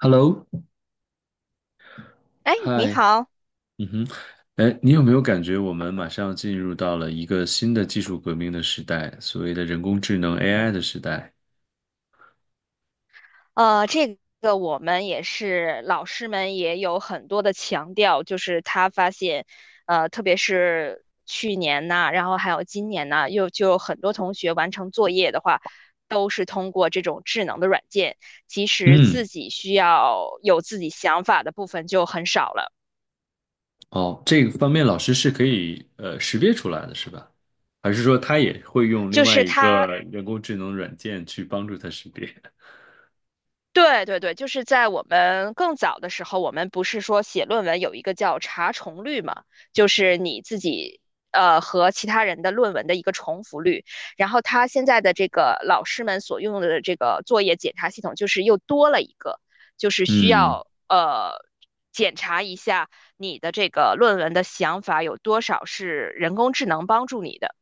Hello，哎，你嗨，好，嗯哼，哎，你有没有感觉我们马上进入到了一个新的技术革命的时代，所谓的人工智能 AI 的时代？这个我们也是，老师们也有很多的强调，就是他发现，特别是去年呐，然后还有今年呐，又就有很多同学完成作业的话，都是通过这种智能的软件，其实嗯，自己需要有自己想法的部分就很少了。哦，这个方面老师是可以识别出来的，是吧？还是说他也会用另就外是一个他人工智能软件去帮助他识别？对对对，就是在我们更早的时候，我们不是说写论文有一个叫查重率嘛，就是你自己和其他人的论文的一个重复率。然后他现在的这个老师们所用的这个作业检查系统，就是又多了一个，就是需嗯要检查一下你的这个论文的想法有多少是人工智能帮助你的。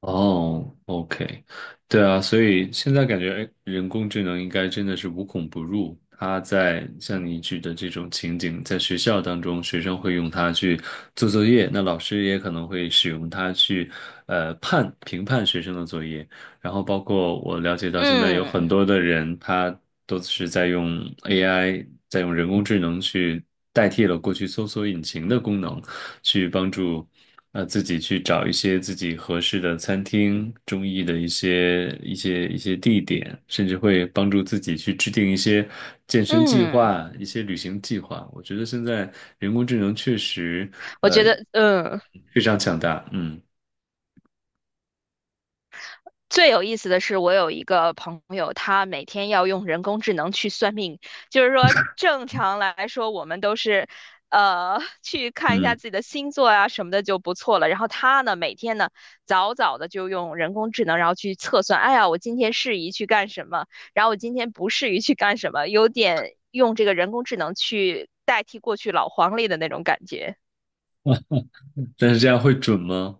哦，OK，对啊，所以现在感觉哎人工智能应该真的是无孔不入。它在像你举的这种情景，在学校当中，学生会用它去做作业，那老师也可能会使用它去判评判学生的作业。然后包括我了解到，现在有嗯很多的人，他都是在用 AI，在用人工智能去代替了过去搜索引擎的功能，去帮助自己去找一些自己合适的餐厅、中意的一些地点，甚至会帮助自己去制定一些健身计嗯，划、一些旅行计划。我觉得现在人工智能确实我觉呃得非常强大，嗯最有意思的是，我有一个朋友，他每天要用人工智能去算命。就是说，正常来说，我们都是，呃，去看一下嗯，自己的星座啊什么的就不错了。然后他呢，每天呢，早早的就用人工智能，然后去测算，哎呀，我今天适宜去干什么，然后我今天不适宜去干什么，有点用这个人工智能去代替过去老黄历的那种感觉。但是这样会准吗？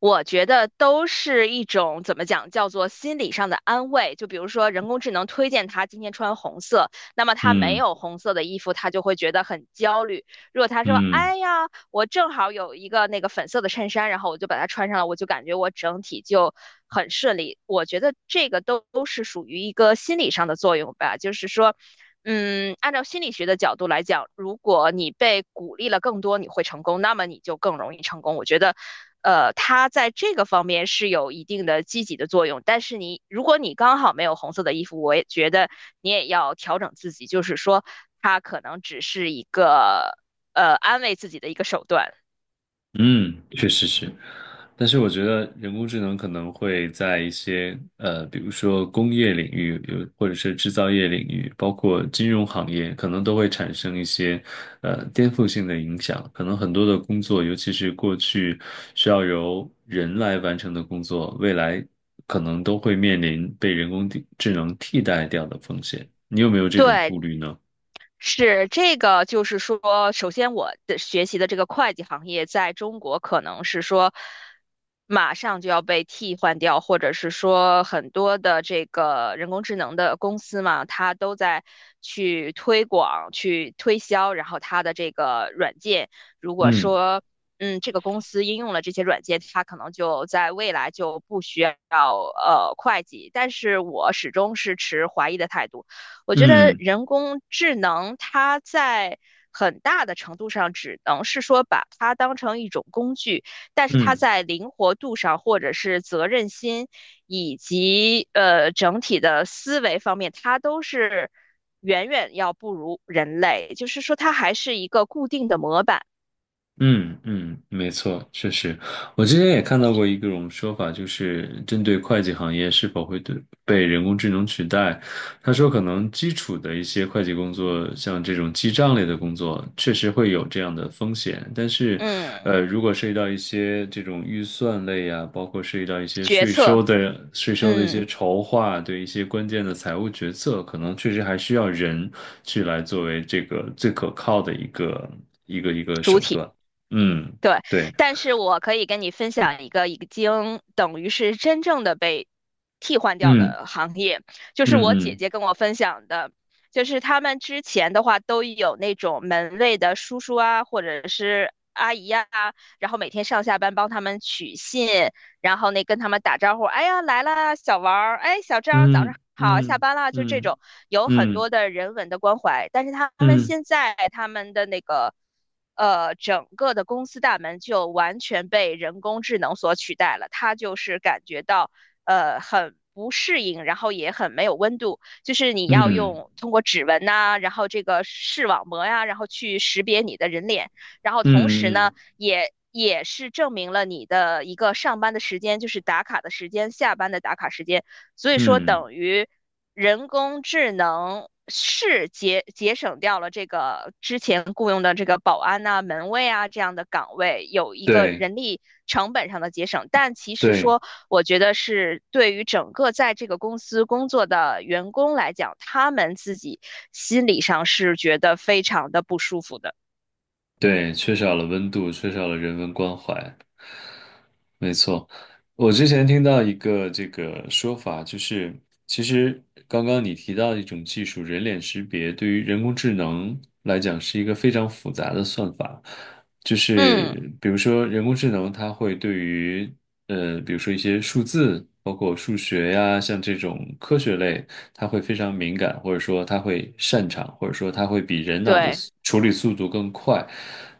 我觉得都是一种怎么讲，叫做心理上的安慰。就比如说，人工智能推荐他今天穿红色，那么他没嗯。有红色的衣服，他就会觉得很焦虑。如果他说：嗯“哎呀，我正好有一个那个粉色的衬衫，然后我就把它穿上了，我就感觉我整体就很顺利。"我觉得这个都是属于一个心理上的作用吧，就是说嗯，按照心理学的角度来讲，如果你被鼓励了更多，你会成功，那么你就更容易成功。我觉得，它在这个方面是有一定的积极的作用。但是你，如果你刚好没有红色的衣服，我也觉得你也要调整自己，就是说，它可能只是一个安慰自己的一个手段。嗯，确实是，但是我觉得人工智能可能会在一些比如说工业领域，有或者是制造业领域，包括金融行业，可能都会产生一些颠覆性的影响。可能很多的工作，尤其是过去需要由人来完成的工作，未来可能都会面临被人工地智能替代掉的风险。你有没有这种对，顾虑呢？是这个，就是说，首先我的学习的这个会计行业在中国可能是说马上就要被替换掉，或者是说很多的这个人工智能的公司嘛，它都在去推广、去推销，然后它的这个软件，如果嗯说嗯这个公司应用了这些软件，它可能就在未来就不需要会计。但是我始终是持怀疑的态度。我觉得嗯人工智能它在很大的程度上只能是说把它当成一种工具，但是它嗯。在灵活度上，或者是责任心，以及整体的思维方面，它都是远远要不如人类。就是说，它还是一个固定的模板，嗯嗯，没错，确实，我之前也看到过一种说法，就是针对会计行业是否会对被人工智能取代，他说可能基础的一些会计工作，像这种记账类的工作，确实会有这样的风险，但是，嗯，如果涉及到一些这种预算类啊，包括涉及到一些决税策，收的税收的一些嗯，筹划，对一些关键的财务决策，可能确实还需要人去来作为这个最可靠的一个一个主手体。段。嗯，对，对，但是我可以跟你分享一个已经等于是真正的被替换掉嗯的行业，就是我姐嗯姐跟我分享的，就是他们之前的话都有那种门卫的叔叔啊，或者是阿姨啊，然后每天上下班帮他们取信，然后那跟他们打招呼，哎呀来了，小王儿，哎小张，早上嗯好，下嗯班了，就这嗯种嗯有很嗯多的人文的关怀。但是他们嗯现在他们的那个整个的公司大门就完全被人工智能所取代了，他就是感觉到很。不适应，然后也很没有温度，就是你嗯要嗯用通过指纹呐、然后这个视网膜呀、然后去识别你的人脸，然后同时嗯呢，嗯，也是证明了你的一个上班的时间，就是打卡的时间，下班的打卡时间。所以说，嗯等于人工智能是节省掉了这个之前雇佣的这个保安呐、门卫啊这样的岗位，有一个对人力成本上的节省。但其实对。说，我觉得是对于整个在这个公司工作的员工来讲，他们自己心理上是觉得非常的不舒服的。对，缺少了温度，缺少了人文关怀。没错，我之前听到一个这个说法，就是其实刚刚你提到的一种技术，人脸识别对于人工智能来讲是一个非常复杂的算法，就嗯，是比如说人工智能它会对于比如说一些数字，包括数学呀，像这种科学类。他会非常敏感，或者说他会擅长，或者说他会比人脑的对。处理速度更快。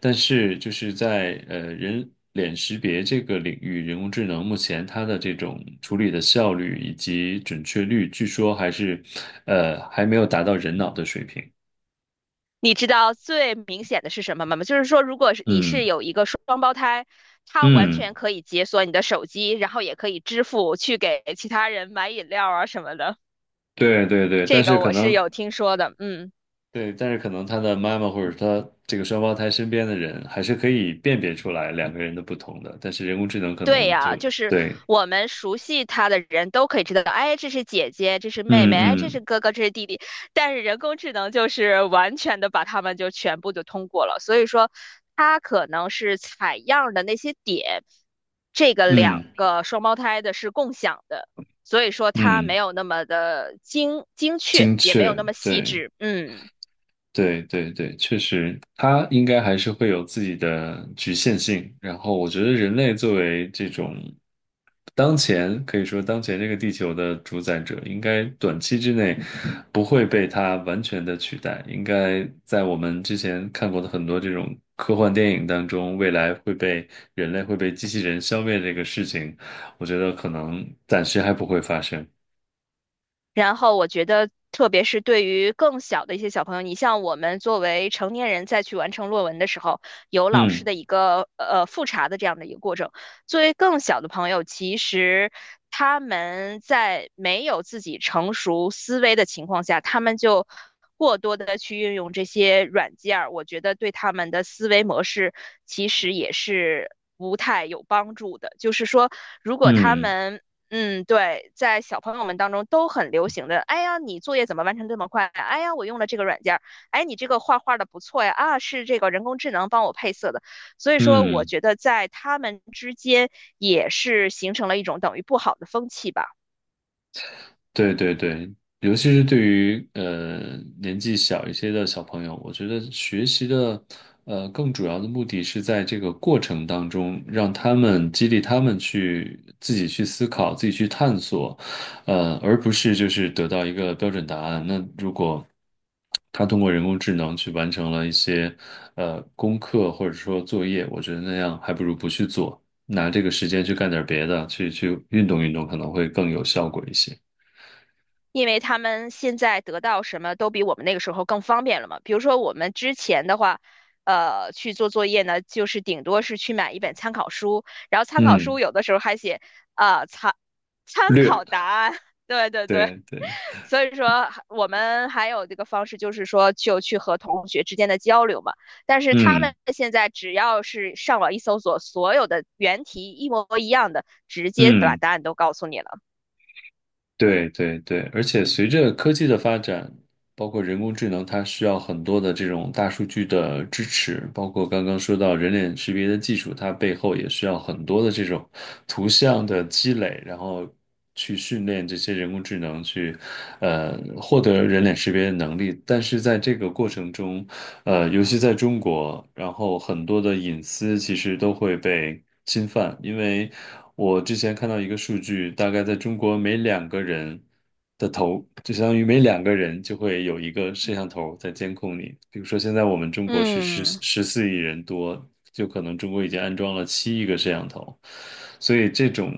但是就是在人脸识别这个领域，人工智能目前它的这种处理的效率以及准确率，据说还是还没有达到人脑的水平。你知道最明显的是什么吗？就是说，如果是你是嗯有一个双胞胎，他完嗯，全可以解锁你的手机，然后也可以支付去给其他人买饮料啊什么的。对对对，但这是个可我是能有听说的，嗯。对，但是可能他的妈妈或者他这个双胞胎身边的人，还是可以辨别出来两个人的不同的，但是人工智能可对能就呀，就是对我们熟悉他的人都可以知道，哎，这是姐姐，这是妹嗯妹，哎，这是嗯哥哥，这是弟弟。但是人工智能就是完全的把他们就全部就通过了，所以说它可能是采样的那些点，这个两嗯个双胞胎的是共享的，所以说它没嗯，有那么的精确，精也没有确，那么细对致。嗯，对对对，确实，它应该还是会有自己的局限性。然后，我觉得人类作为这种当前可以说当前这个地球的主宰者，应该短期之内不会被它完全的取代。应该在我们之前看过的很多这种科幻电影当中，未来会被人类会被机器人消灭这个事情，我觉得可能暂时还不会发生。然后我觉得，特别是对于更小的一些小朋友，你像我们作为成年人再去完成论文的时候，有老师嗯。的一个复查的这样的一个过程。作为更小的朋友，其实他们在没有自己成熟思维的情况下，他们就过多的去运用这些软件儿，我觉得对他们的思维模式其实也是不太有帮助的。就是说，如果他嗯们嗯，对，在小朋友们当中都很流行的。哎呀，你作业怎么完成这么快啊？哎呀，我用了这个软件儿。哎，你这个画画的不错呀。啊，是这个人工智能帮我配色的。所以说，我嗯。觉得在他们之间也是形成了一种等于不好的风气吧。对对对，尤其是对于年纪小一些的小朋友，我觉得学习的更主要的目的是在这个过程当中，让他们激励他们去自己去思考、自己去探索，而不是就是得到一个标准答案。那如果他通过人工智能去完成了一些功课或者说作业，我觉得那样还不如不去做，拿这个时间去干点别的，去运动运动可能会更有效果一些。因为他们现在得到什么都比我们那个时候更方便了嘛。比如说我们之前的话，去做作业呢，就是顶多是去买一本参考书，然后参考书嗯，有的时候还写。啊，参参略，考答案。对对对，对对，所以说我们还有这个方式，就是说就去和同学之间的交流嘛。但是他嗯们现在只要是上网一搜索，所有的原题一模一样的，直接把嗯，答案都告诉你了，对对对，而且随着科技的发展，包括人工智能，它需要很多的这种大数据的支持，包括刚刚说到人脸识别的技术，它背后也需要很多的这种图像的积累，然后去训练这些人工智能去，获得人脸识别的能力。但是在这个过程中，尤其在中国，然后很多的隐私其实都会被侵犯，因为我之前看到一个数据，大概在中国每两个人的，就相当于每两个人就会有一个摄像头在监控你。比如说现在我们中国是嗯14亿人多，就可能中国已经安装了7亿个摄像头，所以这种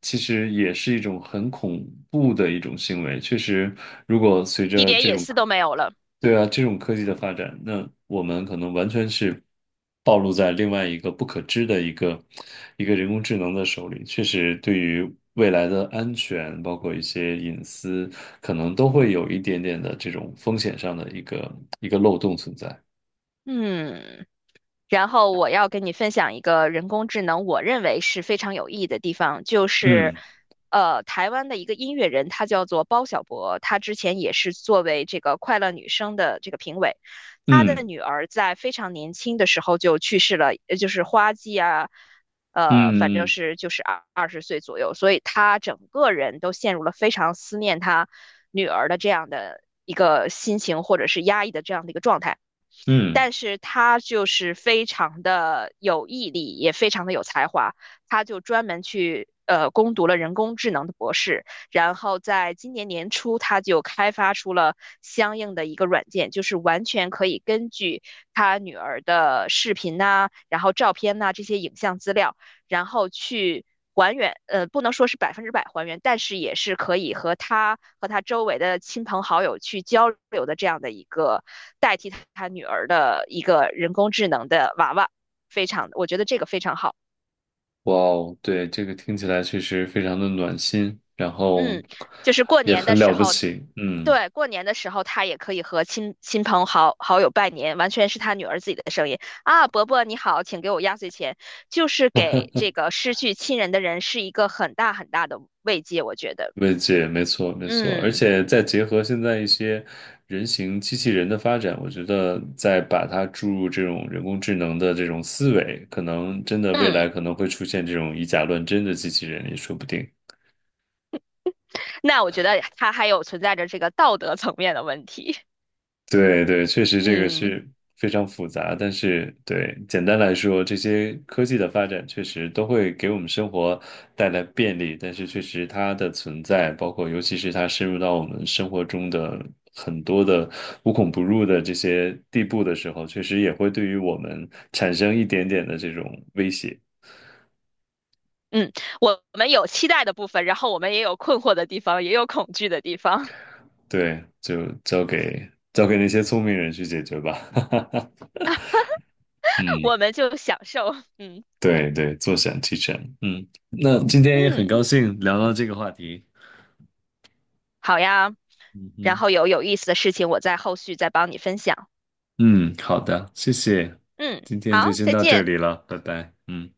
其实也是一种很恐怖的一种行为。确实，如果随一着点这隐种私都没有了。对啊，这种科技的发展，那我们可能完全是暴露在另外一个不可知的一个人工智能的手里。确实，对于未来的安全，包括一些隐私，可能都会有一点点的这种风险上的一个漏洞存在。嗯。然后我要跟你分享一个人工智能，我认为是非常有意义的地方，就是，嗯台湾的一个音乐人，他叫做包小柏，他之前也是作为这个快乐女声的这个评委，他的嗯女儿在非常年轻的时候就去世了，就是花季啊，反嗯正嗯是就是二十岁左右，所以他整个人都陷入了非常思念他女儿的这样的一个心情，或者是压抑的这样的一个状态。嗯，但是他就是非常的有毅力，也非常的有才华，他就专门去攻读了人工智能的博士，然后在今年年初他就开发出了相应的一个软件，就是完全可以根据他女儿的视频呐、然后照片呐、这些影像资料，然后去还原，不能说是百分之百还原，但是也是可以和他周围的亲朋好友去交流的这样的一个代替他女儿的一个人工智能的娃娃，非常，我觉得这个非常好。哇哦，对，这个听起来确实非常的暖心，然后嗯，就是过也年的很时了不候，起。嗯。对，过年的时候他也可以和亲朋好友拜年，完全是他女儿自己的声音啊，伯伯你好，请给我压岁钱，就是给这个失去亲人的人是一个很大很大的慰藉，我觉得。慰藉，没错，没错，而嗯且再结合现在一些人形机器人的发展，我觉得再把它注入这种人工智能的这种思维，可能真的未嗯，来可能会出现这种以假乱真的机器人也说不定。那我觉得它还有存在着这个道德层面的问题。对对，确 实这个嗯是非常复杂，但是对，简单来说，这些科技的发展确实都会给我们生活带来便利，但是确实它的存在，包括尤其是它深入到我们生活中的很多的无孔不入的这些地步的时候，确实也会对于我们产生一点点的这种威胁。嗯，我们有期待的部分，然后我们也有困惑的地方，也有恐惧的地方，对，就交给交给那些聪明人去解决吧。嗯。我们就享受。嗯对对，坐享其成。嗯，那今天也很嗯，高兴聊到这个话题。好呀。嗯然哼，后有有意思的事情，我在后续再帮你分享。嗯，好的，谢谢，嗯，今天好，就先再到这见。里了，拜拜。嗯。